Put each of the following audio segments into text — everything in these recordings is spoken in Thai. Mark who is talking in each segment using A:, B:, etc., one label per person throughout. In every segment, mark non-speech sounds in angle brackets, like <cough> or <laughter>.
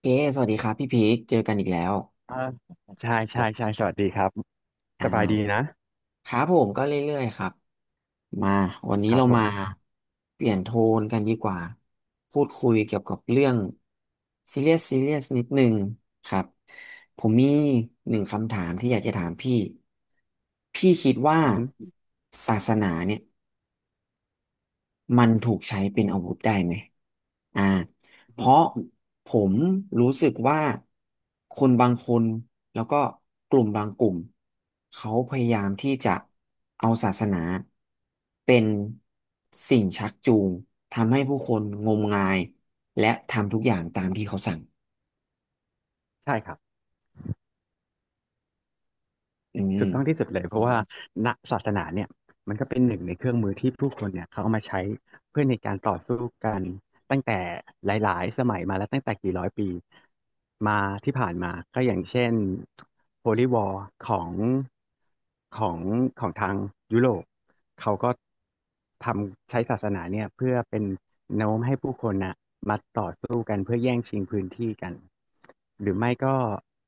A: เค สวัสดีครับพี่พีคเจอกันอีกแล้ว
B: อ่าใช่ใช่ใช่สวัสดีครับ
A: อ่
B: สบายดี
A: า
B: นะ
A: ครับผมก็เรื่อยๆครับ มาวันนี้
B: ครับ
A: เรา
B: ผ
A: มา
B: ม
A: เปลี่ยนโทนกันดีกว่า พูดคุยเกี่ยวกับเรื่องซีเรียสซีเรียสนิดหนึงครับผมมีหนึ่งคำถามที่อยากจะถามพี่พี่คิดว่า
B: อือฮึ
A: ศาสนาเนี่ย มันถูกใช้เป็นอาวุธได้ไหมอ่า
B: อือ
A: เพ
B: ฮึ
A: ราะผมรู้สึกว่าคนบางคนแล้วก็กลุ่มบางกลุ่มเขาพยายามที่จะเอาศาสนาเป็นสิ่งชักจูงทำให้ผู้คนงมงายและทำทุกอย่างตามที่เขาสั่ง
B: ใช่ครับ
A: อืม
B: ถูกต้องที่สุดเลยเพราะว่าณศาสนาเนี่ยมันก็เป็นหนึ่งในเครื่องมือที่ผู้คนเนี่ยเขาเอามาใช้เพื่อในการต่อสู้กันตั้งแต่หลายๆสมัยมาแล้วตั้งแต่กี่ร้อยปีมาที่ผ่านมาก็อย่างเช่น Holy War ของของของทางยุโรปเขาก็ทำใช้ศาสนาเนี่ยเพื่อเป็นแนวโน้มให้ผู้คนน่ะมาต่อสู้กันเพื่อแย่งชิงพื้นที่กันหรือไม่ก็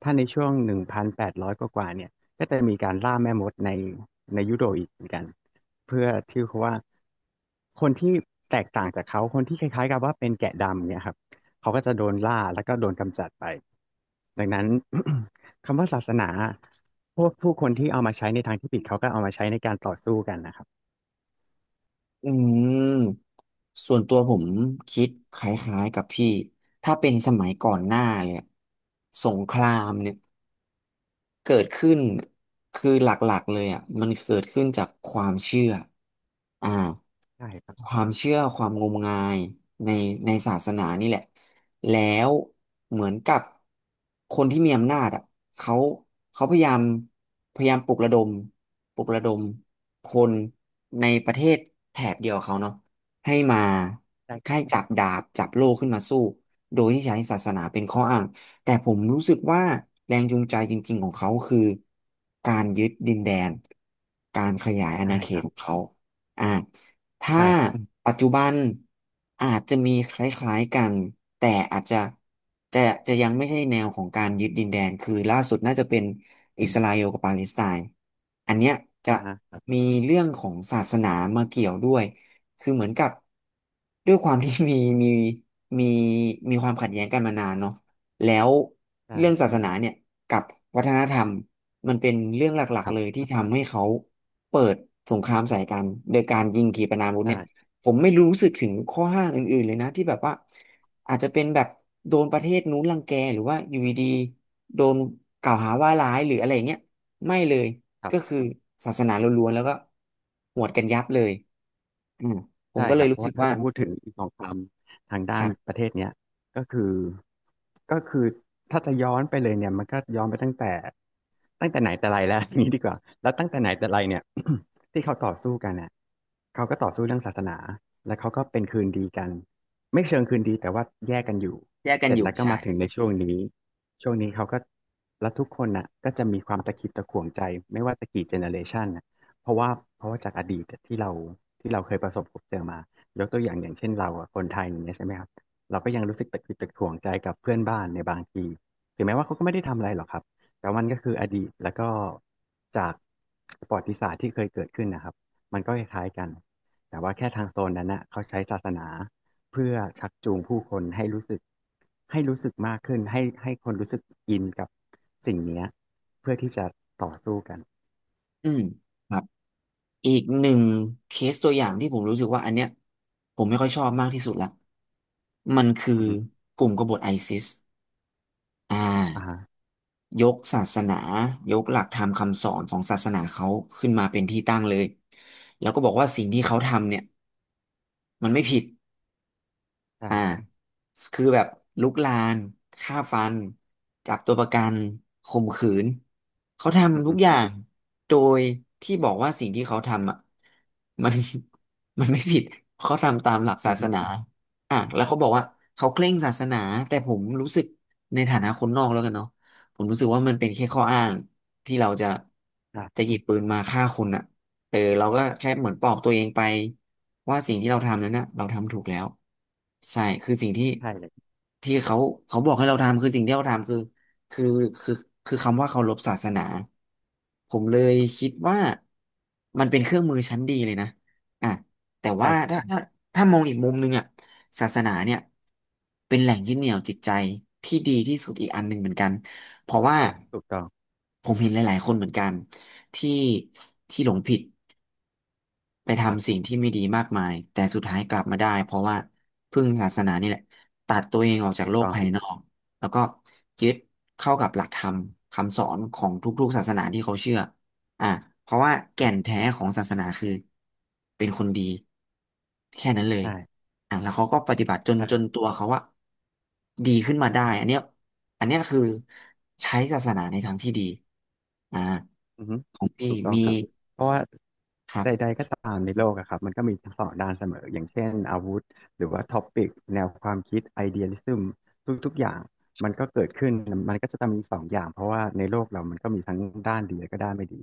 B: ถ้าในช่วง1,800กว่าๆเนี่ย ก็จะมีการล่าแม่มดในยุโรปอีกเหมือนกันเพื่อที่เขาว่าคนที่แตกต่างจากเขาคนที่คล้ายๆกับว่าเป็นแกะดำเนี่ยครับเขาก็จะโดนล่าแล้วก็โดนกำจัดไปดังนั้น <coughs> <clears throat> คำว่าศาสนาพวกผู้คนที่เอามาใช้ในทางที่ผิดเขาก็เอามาใช้ในการต่อสู้กันนะครับ
A: อืมส่วนตัวผมคิดคล้ายๆกับพี่ ถ้าเป็นสมัยก่อนหน้าเลยอะสงครามเนี่ย เกิดขึ้นคือหลักๆเลยอ่ะมันเกิดขึ้นจากความเชื่ออ่า
B: ได้ครับ
A: ความเชื่อความงมงายในในศาสนานี่แหละแล้วเหมือนกับคนที่มีอำนาจอ่ะเขาเขาพยายามปลุกระดมปลุกระดมคนในประเทศแถบเดียวกับเขาเนาะให้มา
B: ได้ครั
A: ให้
B: บ
A: จับดาบจับโล่ขึ้นมาสู้ โดยที่ใช้ศาสนาเป็นข้ออ้างแต่ผมรู้สึกว่าแรงจูงใจจริงๆของเขาคือการยึดดินแดน การขยายอาณา
B: ได้
A: เข
B: ค
A: ต
B: รับ
A: ของเขาอ่าถ้า
B: ได้ครับ
A: ปัจจุบันอาจจะมีคล้ายๆกัน แต่อาจจะจะจะยังไม่ใช่แนวของการยึดดินแดน คือล่าสุดน่าจะเป็นอิสราเอลกับปาเลสไตน์อันเนี้ยจะ
B: อ่าฮะ
A: มีเรื่องของศาสนามาเกี่ยวด้วย คือเหมือนกับด้วยความที่ <laughs> มีมีมีความขัดแย้งกันมานานเนาะแล้วเรื่อง
B: ได้
A: ศาสนาเนี่ยกับวัฒนธรรมมันเป็นเรื่องหลัก
B: ค
A: ๆ
B: รั
A: เลย
B: บ
A: ที่ทำให้เขาเปิดสงครามใส่กันโดยการยิงขีปนาวุธเนี่
B: ได้
A: ยผมไม่รู้สึกถึงข้อห้างอื่นๆเลยนะที่แบบว่าอาจจะเป็นแบบโดนประเทศนู้นรังแกหรือว่าอยู่ดีๆโดนกล่าวหาว่าร้ายหรืออะไรอย่างเงี้ยไม่เลย
B: ครั
A: ก็คื
B: บ
A: อศาสนาล้วนๆแล้วก็หวดกันยับเลย อืมผม
B: ใช่
A: ก็
B: ค
A: เลย
B: รับเพ
A: รู้
B: ราะ
A: สึ
B: ว่า
A: ก
B: ถ้า
A: ว่า
B: จะพูดถึงอีกสองคำทาง
A: ค
B: ด้าน
A: รับ
B: ประเทศเนี้ยก็คือก็คือถ้าจะย้อนไปเลยเนี่ยมันก็ย้อนไปตั้งแต่ไหนแต่ไรแล้ว <laughs> อย่างนี้ดีกว่าแล้วตั้งแต่ไหนแต่ไรเนี่ย <clears throat> <coughs> ที่เขาต่อสู้กันเนี่ยเขาก็ต่อสู้เรื่องศาสนาแล้วเขาก็เป็นคืนดีกันไม่เชิงคืนดีแต่ว่าแยกกันอยู่
A: แยกกั
B: เส
A: น
B: ร็จ
A: อยู่
B: แล้วก็
A: ใช่
B: มาถึงในช่วงนี้ช่วงนี้เขาก็แล้วทุกคนน่ะก็จะมีความตะขิดตะขวงใจไม่ว่าจะกี่เจเนอเรชัน เพราะว่าเพราะว่าจากอดีตที่เราเคยประสบพบเจอมายกตัวอย่างอย่างเช่นเราอะคนไทยอย่างเงี้ยใช่ไหมครับเราก็ยังรู้สึกตะขิดตะขวงใจกับเพื่อนบ้านในบางทีถึงแม้ว่าเขาก็ไม่ได้ทำอะไรหรอกครับแต่มันก็คืออดีตแล้วก็จากประวัติศาสตร์ที่เคยเกิดขึ้นนะครับมันก็คล้ายๆกันแต่ว่าแค่ทางโซนนั้นนะเขาใช้ศาสนาเพื่อชักจูงผู้คนให้รู้สึกมากขึ้นให้คนรู้สึกอินกับสิ่งเนี้ยเพื่อที่จะต่อสู้กัน
A: อืมครับอีกหนึ่งเคสตัวอย่างที่ผมรู้สึกว่าอันเนี้ยผมไม่ค่อยชอบมากที่สุดละมันคื
B: อื
A: อ
B: อฮึ
A: กลุ่มกบฏไอซิสอ่า
B: อ่าฮะ
A: ยกศาสนายกหลักธรรมคำสอนของศาสนาเขาขึ้นมาเป็นที่ตั้งเลยแล้วก็บอกว่าสิ่งที่เขาทำเนี่ยมันไม่ผิด
B: ใช่
A: อ่า
B: ครับ
A: คือแบบลุกลานฆ่าฟันจับตัวประกันข่มขืนเขา
B: อืม
A: ทำทุ
B: ฮึ
A: กอย่างโดยที่บอกว่าสิ่งที่เขาทำอ่ะมัน <laughs> มันไม่ผิดเขาทำตามหลัก
B: อื
A: ศาส
B: ม
A: นาอ่ะแล้วเขาบอกว่าเขาเคร่งศาสนาแต่ผมรู้สึกในฐานะคนนอกแล้วกันเนาะผมรู้สึกว่ามันเป็นแค่ข้ออ้างที่เราจะ
B: ใช่
A: หยิบปืนมาฆ่าคนอ่ะ เออเราก็แค่เหมือนปลอบตัวเองไปว่าสิ่งที่เราทำนั้นนะเราทำถูกแล้วใช่คือสิ่งที่
B: ใช่เลย
A: ที่เขาเขาบอกให้เราทำคือสิ่งที่เราทำคือคือคือคือคำว่าเคารพศาสนาผมเลย
B: ครั
A: คิ
B: บ
A: ดว่ามันเป็นเครื่องมือชั้นดีเลยนะอ่ะแต่
B: ใช่
A: ว่า
B: ครับ
A: ถ้ามองอีกมุมหนึงอ่ะศาสนาเนี่ยเป็นแหล่งยึดเหนี่ยวจิตใจที่ดีที่สุดอีกอันหนึ่งเหมือนกันเพราะว่า
B: ถูกต้อง
A: ผมเห็นหลายๆคนเหมือนกันที่ที่หลงผิด ไป
B: ครั
A: ทำสิ่
B: บ
A: งที่ไม่ดีมากมายแต่สุดท้ายกลับมาได้
B: ครับ
A: เพราะว่าพึ่งศาสนานี่แหละตัดตัวเองออกจาก
B: ถูก
A: โลก
B: ต้อง
A: ภายนอกแล้วก็ยึดเข้ากับหลักธรรมคำสอนของทุกๆศาสนาที่เขาเชื่ออ่ะเพราะว่า
B: ค
A: แก่
B: รั
A: น
B: บ
A: แท้ของศาสนาคือเป็นคนดีแค่นั้นเลย
B: ใช่
A: อ่ะแล้วเขาก็ปฏิบัติจน
B: ใช่
A: ตัวเขาว่าดีขึ้นมาได้อันเนี้ยอันเนี้ยคือใช้ศาสนาในทางที่ดีอ่า
B: อืมฮึ
A: ของพี่
B: ถูกต้อง
A: มี
B: ครับเพราะว่า
A: ครั
B: ใด
A: บ
B: ๆก็ตามในโลกอะครับมันก็มีทั้งสองด้านเสมออย่างเช่นอาวุธหรือว่าท็อปิกแนวความคิดไอเดียลิซึมทุกๆอย่างมันก็เกิดขึ้นมันก็จะต้องมีสองอย่างเพราะว่าในโลกเรามันก็มีทั้งด้านดีและก็ด้านไม่ดี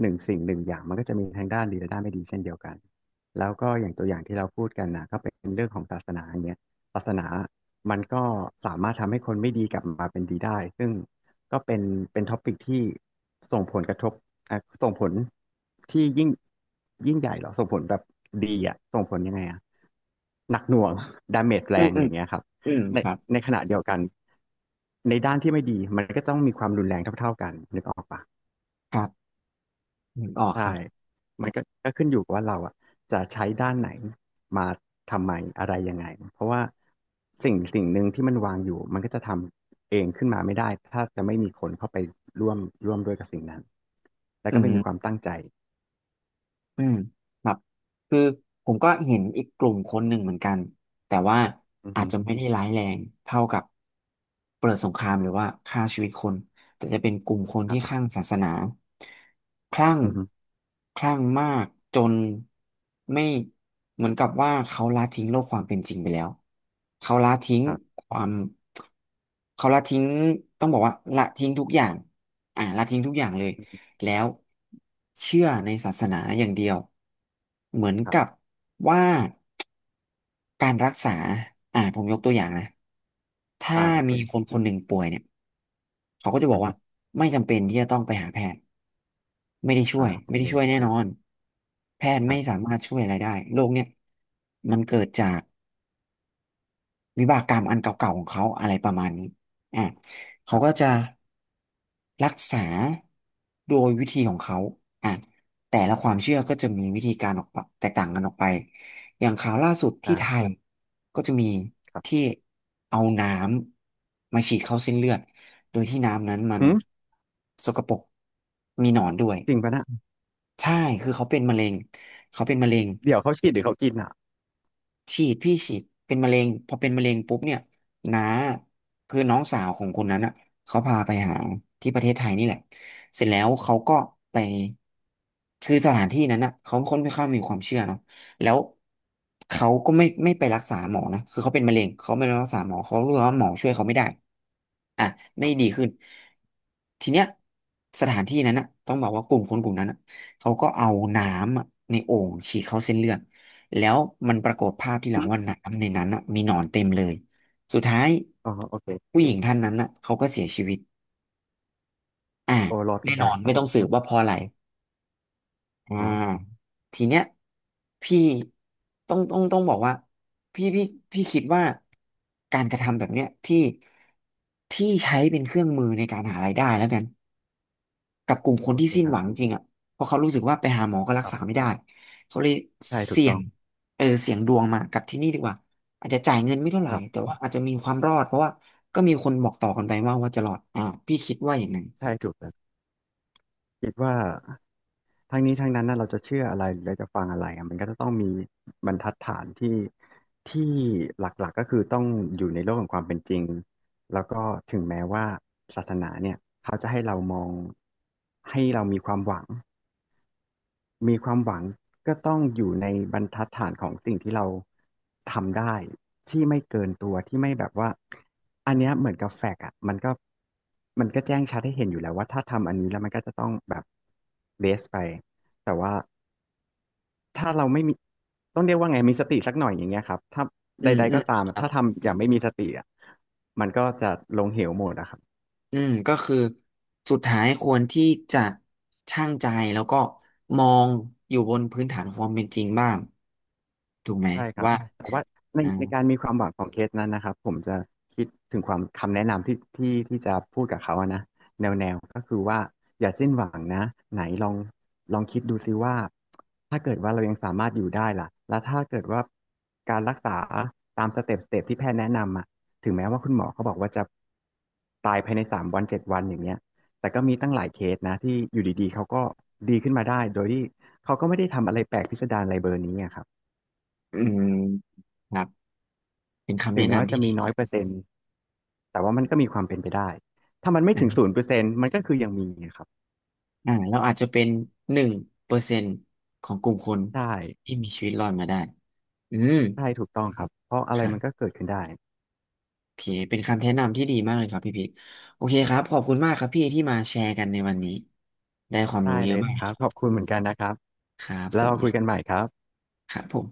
B: หนึ่งสิ่งหนึ่งอย่างมันก็จะมีทั้งด้านดีและด้านไม่ดีเช่นเดียวกันแล้วก็อย่างตัวอย่างที่เราพูดกันนะก็เป็นเรื่องของศาสนาอย่างเงี้ยศาสนามันก็สามารถทำให้คนไม่ดีกลับมาเป็นดีได้ซึ่ง ก็เป็นท็อปิกที่ส่งผลกระทบอ่ะส่งผลที่ยิ่งใหญ่เหรอส่งผลแบบดีอ่ะส่งผลยังไงอ่ะหนักหน่วง <laughs> ดาเมจแร
A: อืม
B: ง
A: อื
B: อ
A: ม
B: ย่างเงี้ยครับ
A: อืม
B: ใน
A: ครับ
B: ในขณะเดียวกันในด้านที่ไม่ดีมันก็ต้องมีความรุนแรงเท่าๆกันนึกออกปะ
A: ครับนึกออกค
B: ใช่
A: รับ
B: มันก็ขึ้นอยู่กับว่าเราอ่ะจะใช้ด้านไหนมาทำไมอะไรยังไงเพราะว่าสิ่งหนึ่งที่มันวางอยู่มันก็จะทำเองขึ้นมาไม่ได้ถ้าจะไม่มีคนเข้าไปร่วมร่วมด้วยกับสิ่งนั้นแล้ว
A: อื
B: ก็
A: ม
B: ไม่มีความตั้งใจ
A: อืมครับคือผมก็เห็นอีกกลุ่มคนหนึ่งเหมือนกันแต่ว่า
B: อือ
A: อา
B: ฮึ
A: จจะไม่ได้ร้ายแรงเท่ากับเปิดสงครามหรือว่าฆ่าชีวิตคนแต่จะเป็นกลุ่มคน
B: ครั
A: ที่ค
B: บ
A: ลั่งศาสนาคลั่ง
B: อือฮึ
A: คลั่งมากจนไม่เหมือนกับว่าเขาละทิ้งโลกความเป็นจริงไปแล้วเขาละทิ้ง
B: ครับ
A: ความเขาละทิ้งต้องบอกว่าละทิ้งทุกอย่างละทิ้งทุกอย่างเลย แล้วเชื่อในศาสนาอย่างเดียวเหมือน
B: ครั
A: กับ
B: บ
A: ว่าการรักษาผมยกตัวอย่างนะถ้า
B: อ่าโอเค
A: มีคนคนหนึ่งป่วยเนี่ยเขาก็จะบ
B: อื
A: อ
B: อ
A: ก
B: ฮึ
A: ว่าไม่จำเป็นที่จะต้องไปหาแพทย์ไม่ได้ช่ว
B: อ่า
A: ย
B: โอ
A: ไม่
B: เค
A: ได้ช่วยแน่นอนแพทย์
B: ครั
A: ไม่
B: บ
A: สามารถช่วยอะไรได้โรคเนี่ยมันเกิดจาก วิบากกรรมอันเก่าๆของเขาอะไรประมาณนี้อ่ะ
B: ค
A: เขา
B: รั
A: ก็
B: บ
A: จะรักษาโดยวิธีของเขาอ่ะแต่ละค
B: ค
A: วา
B: รั
A: มเชื่
B: บ
A: อก็จะมีวิธีการออกไปแตกต่างกันออกไป อย่างข่าวล่าสุดที่ไท
B: ได้
A: ยก็จะมี
B: ครั
A: ที่
B: บ
A: เอาน้ำมาฉีดเข้าเส้นเลือด โดยที่น้ำนั้นมัน
B: หืม
A: สกปรกมีหนอนด้วย
B: จริงปะนะ
A: ใช่คือเขาเป็นมะเร็งเขาเป็นมะเร็ง
B: เดี๋ยวเขาฉีดหรือเขากินอ่ะ
A: ฉีดพี่ฉีดเป็นมะเร็งพอเป็นมะเร็งปุ๊บเนี่ยน้าคือน้องสาวของคนนั้นเขาพาไปหาที่ประเทศไทยนี่แหละเสร็จแล้วเขาก็ไปคือสถานที่นั้นเขาค่อนข้างมีความเชื่อเนาะแล้วเขาก็ไม่ไปรักษาหมอนะคือเขาเป็นมะเร็งเขาไม่ไปรักษาหมอเขารู้ว่าหมอช่วยเขาไม่ได้อ่ะ
B: ค
A: ไม่
B: รั
A: ดี
B: บ
A: ขึ้นทีเนี้ยสถานที่นั้นต้องบอกว่ากลุ่มคนกลุ่มนั้นเขาก็เอาน้ำในโอ่งฉีดเข้าเส้นเลือด แล้วมันปรากฏภาพที่หลังว่าน้ำในนั้นมีหนอนเต็มเลยสุดท้าย
B: อ๋อโอเค
A: ผู้หญิงท่านนั้นเขาก็เสียชีวิตอ่า
B: โอ้ลอดก
A: แน่
B: ระแป
A: น
B: ล
A: อ
B: ก
A: น
B: ครั
A: ไม่
B: บ
A: ต้องสืบว่าเพราะอะไรอ่า
B: อ๋อ
A: ทีเนี้ยพี่ต้องบอกว่าพี่พี่พี่คิดว่าการกระทำแบบเนี้ยที่ใช้เป็นเครื่องมือในการหารายได้แล้วกัน กับกลุ่มค
B: โอ
A: นที่
B: เค
A: สิ้น
B: ครั
A: ห
B: บ
A: วังจริงเพราะเขารู้สึกว่าไปหาหมอก็รั
B: ค
A: ก
B: รั
A: ษา
B: บ
A: ไม่ได้เขาเลย
B: ใช่ถูก
A: เสี่ย
B: ต้อง
A: งเออเสี่ยงดวงมากับที่นี่ดีกว่าอาจจะจ่ายเงินไม่เท่าไหร่
B: ครั
A: แต่
B: บ
A: ว่าอาจจะมีความรอดเพราะว่าก็มีคนบอกต่อกันไปว่าจะรอดพี่คิดว่าอย่างนั้น
B: ใช่ถูกแต่คิดว่าทั้งนี้ทั้งนั้นนะเราจะเชื่ออะไรหรือเราจะฟังอะไรอะมันก็จะต้องมีบรรทัดฐานที่ที่หลักๆก็คือต้องอยู่ในโลกของความเป็นจริงแล้วก็ถึงแม้ว่าศาสนาเนี่ยเขาจะให้เรามองให้เรามีความหวัง มีความหวังก็ต้องอยู่ในบรรทัดฐานของสิ่งที่เราทำได้ที่ไม่เกินตัวที่ไม่แบบว่าอันเนี้ยเหมือนกับแฟกอะมันก็แจ้งชัดให้เห็นอยู่แล้วว่าถ้าทำอันนี้แล้วมันก็จะต้องแบบเบสไปแต่ว่าถ้าเราไม่มีต้องเรียกว่าไงมีสติสักหน่อยอย่างเงี้ยครับถ้า
A: อืม
B: ใด
A: อื
B: ๆก็
A: ม
B: ตาม
A: ค
B: อะ
A: รับ
B: ถ้าทำอย่างไม่มีสติอะมันก็จะลงเหวหมดอะครับ
A: อืมก็คือสุดท้ายควรที่จะชั่งใจแล้วก็มองอยู่บนพื้นฐานของความเป็นจริงบ้างถูกไหม
B: ใช่ครับ
A: ว่า
B: แต่ว่าใน
A: อ่า
B: ในการมีความหวังของเคสนั้นนะครับผมจะคิดถึงความคำแนะนำที่จะพูดกับเขาอะนะแนวก็คือว่าอย่าสิ้นหวังนะไหนลองคิดดูซิว่าถ้าเกิดว่าเรายังสามารถอยู่ได้ล่ะแล้วถ้าเกิดว่าการรักษาตามสเต็ปที่แพทย์แนะนำอ่ะถึงแม้ว่าคุณหมอเขาบอกว่าจะตายภายใน3 วัน7 วันอย่างเงี้ยแต่ก็มีตั้งหลายเคสนะที่อยู่ดีๆเขาก็ดีขึ้นมาได้โดยที่เขาก็ไม่ได้ทำอะไรแปลกพิสดารอะไรเบอร์นี้อะครับ
A: อืมครับเป็นคำ
B: ถึ
A: แนะ
B: งแม้ว่า
A: นำที่
B: จะ
A: ดี
B: มีน้อยเปอร์เซ็นต์แต่ว่ามันก็มีความเป็นไปได้ถ้ามันไม่ถึงศูนย์เปอร์เซ็นต์มันก็คือยังมีครับ
A: เราอาจจะเป็น1%ของกลุ่มคน
B: ใช่
A: ที่มีชีวิตรอดมาได้ อืม
B: ใช่ถูกต้องครับเพราะอะไร
A: ครั
B: มันก็
A: บ
B: เกิดขึ้นได้
A: โอเคเป็นคำแนะนำที่ดีมากเลยครับพี่พีทโอเคครับ ขอบคุณมากครับพี่ที่มาแชร์กันในวันนี้ ได้ความรู้
B: ได้
A: เย
B: เล
A: อะ
B: ย
A: มาก
B: ครับขอบคุณเหมือนกันนะครับ
A: ครับ ส
B: แล้ว
A: วั
B: เรา
A: สดี
B: คุยกันใหม่ครับ
A: ครับผม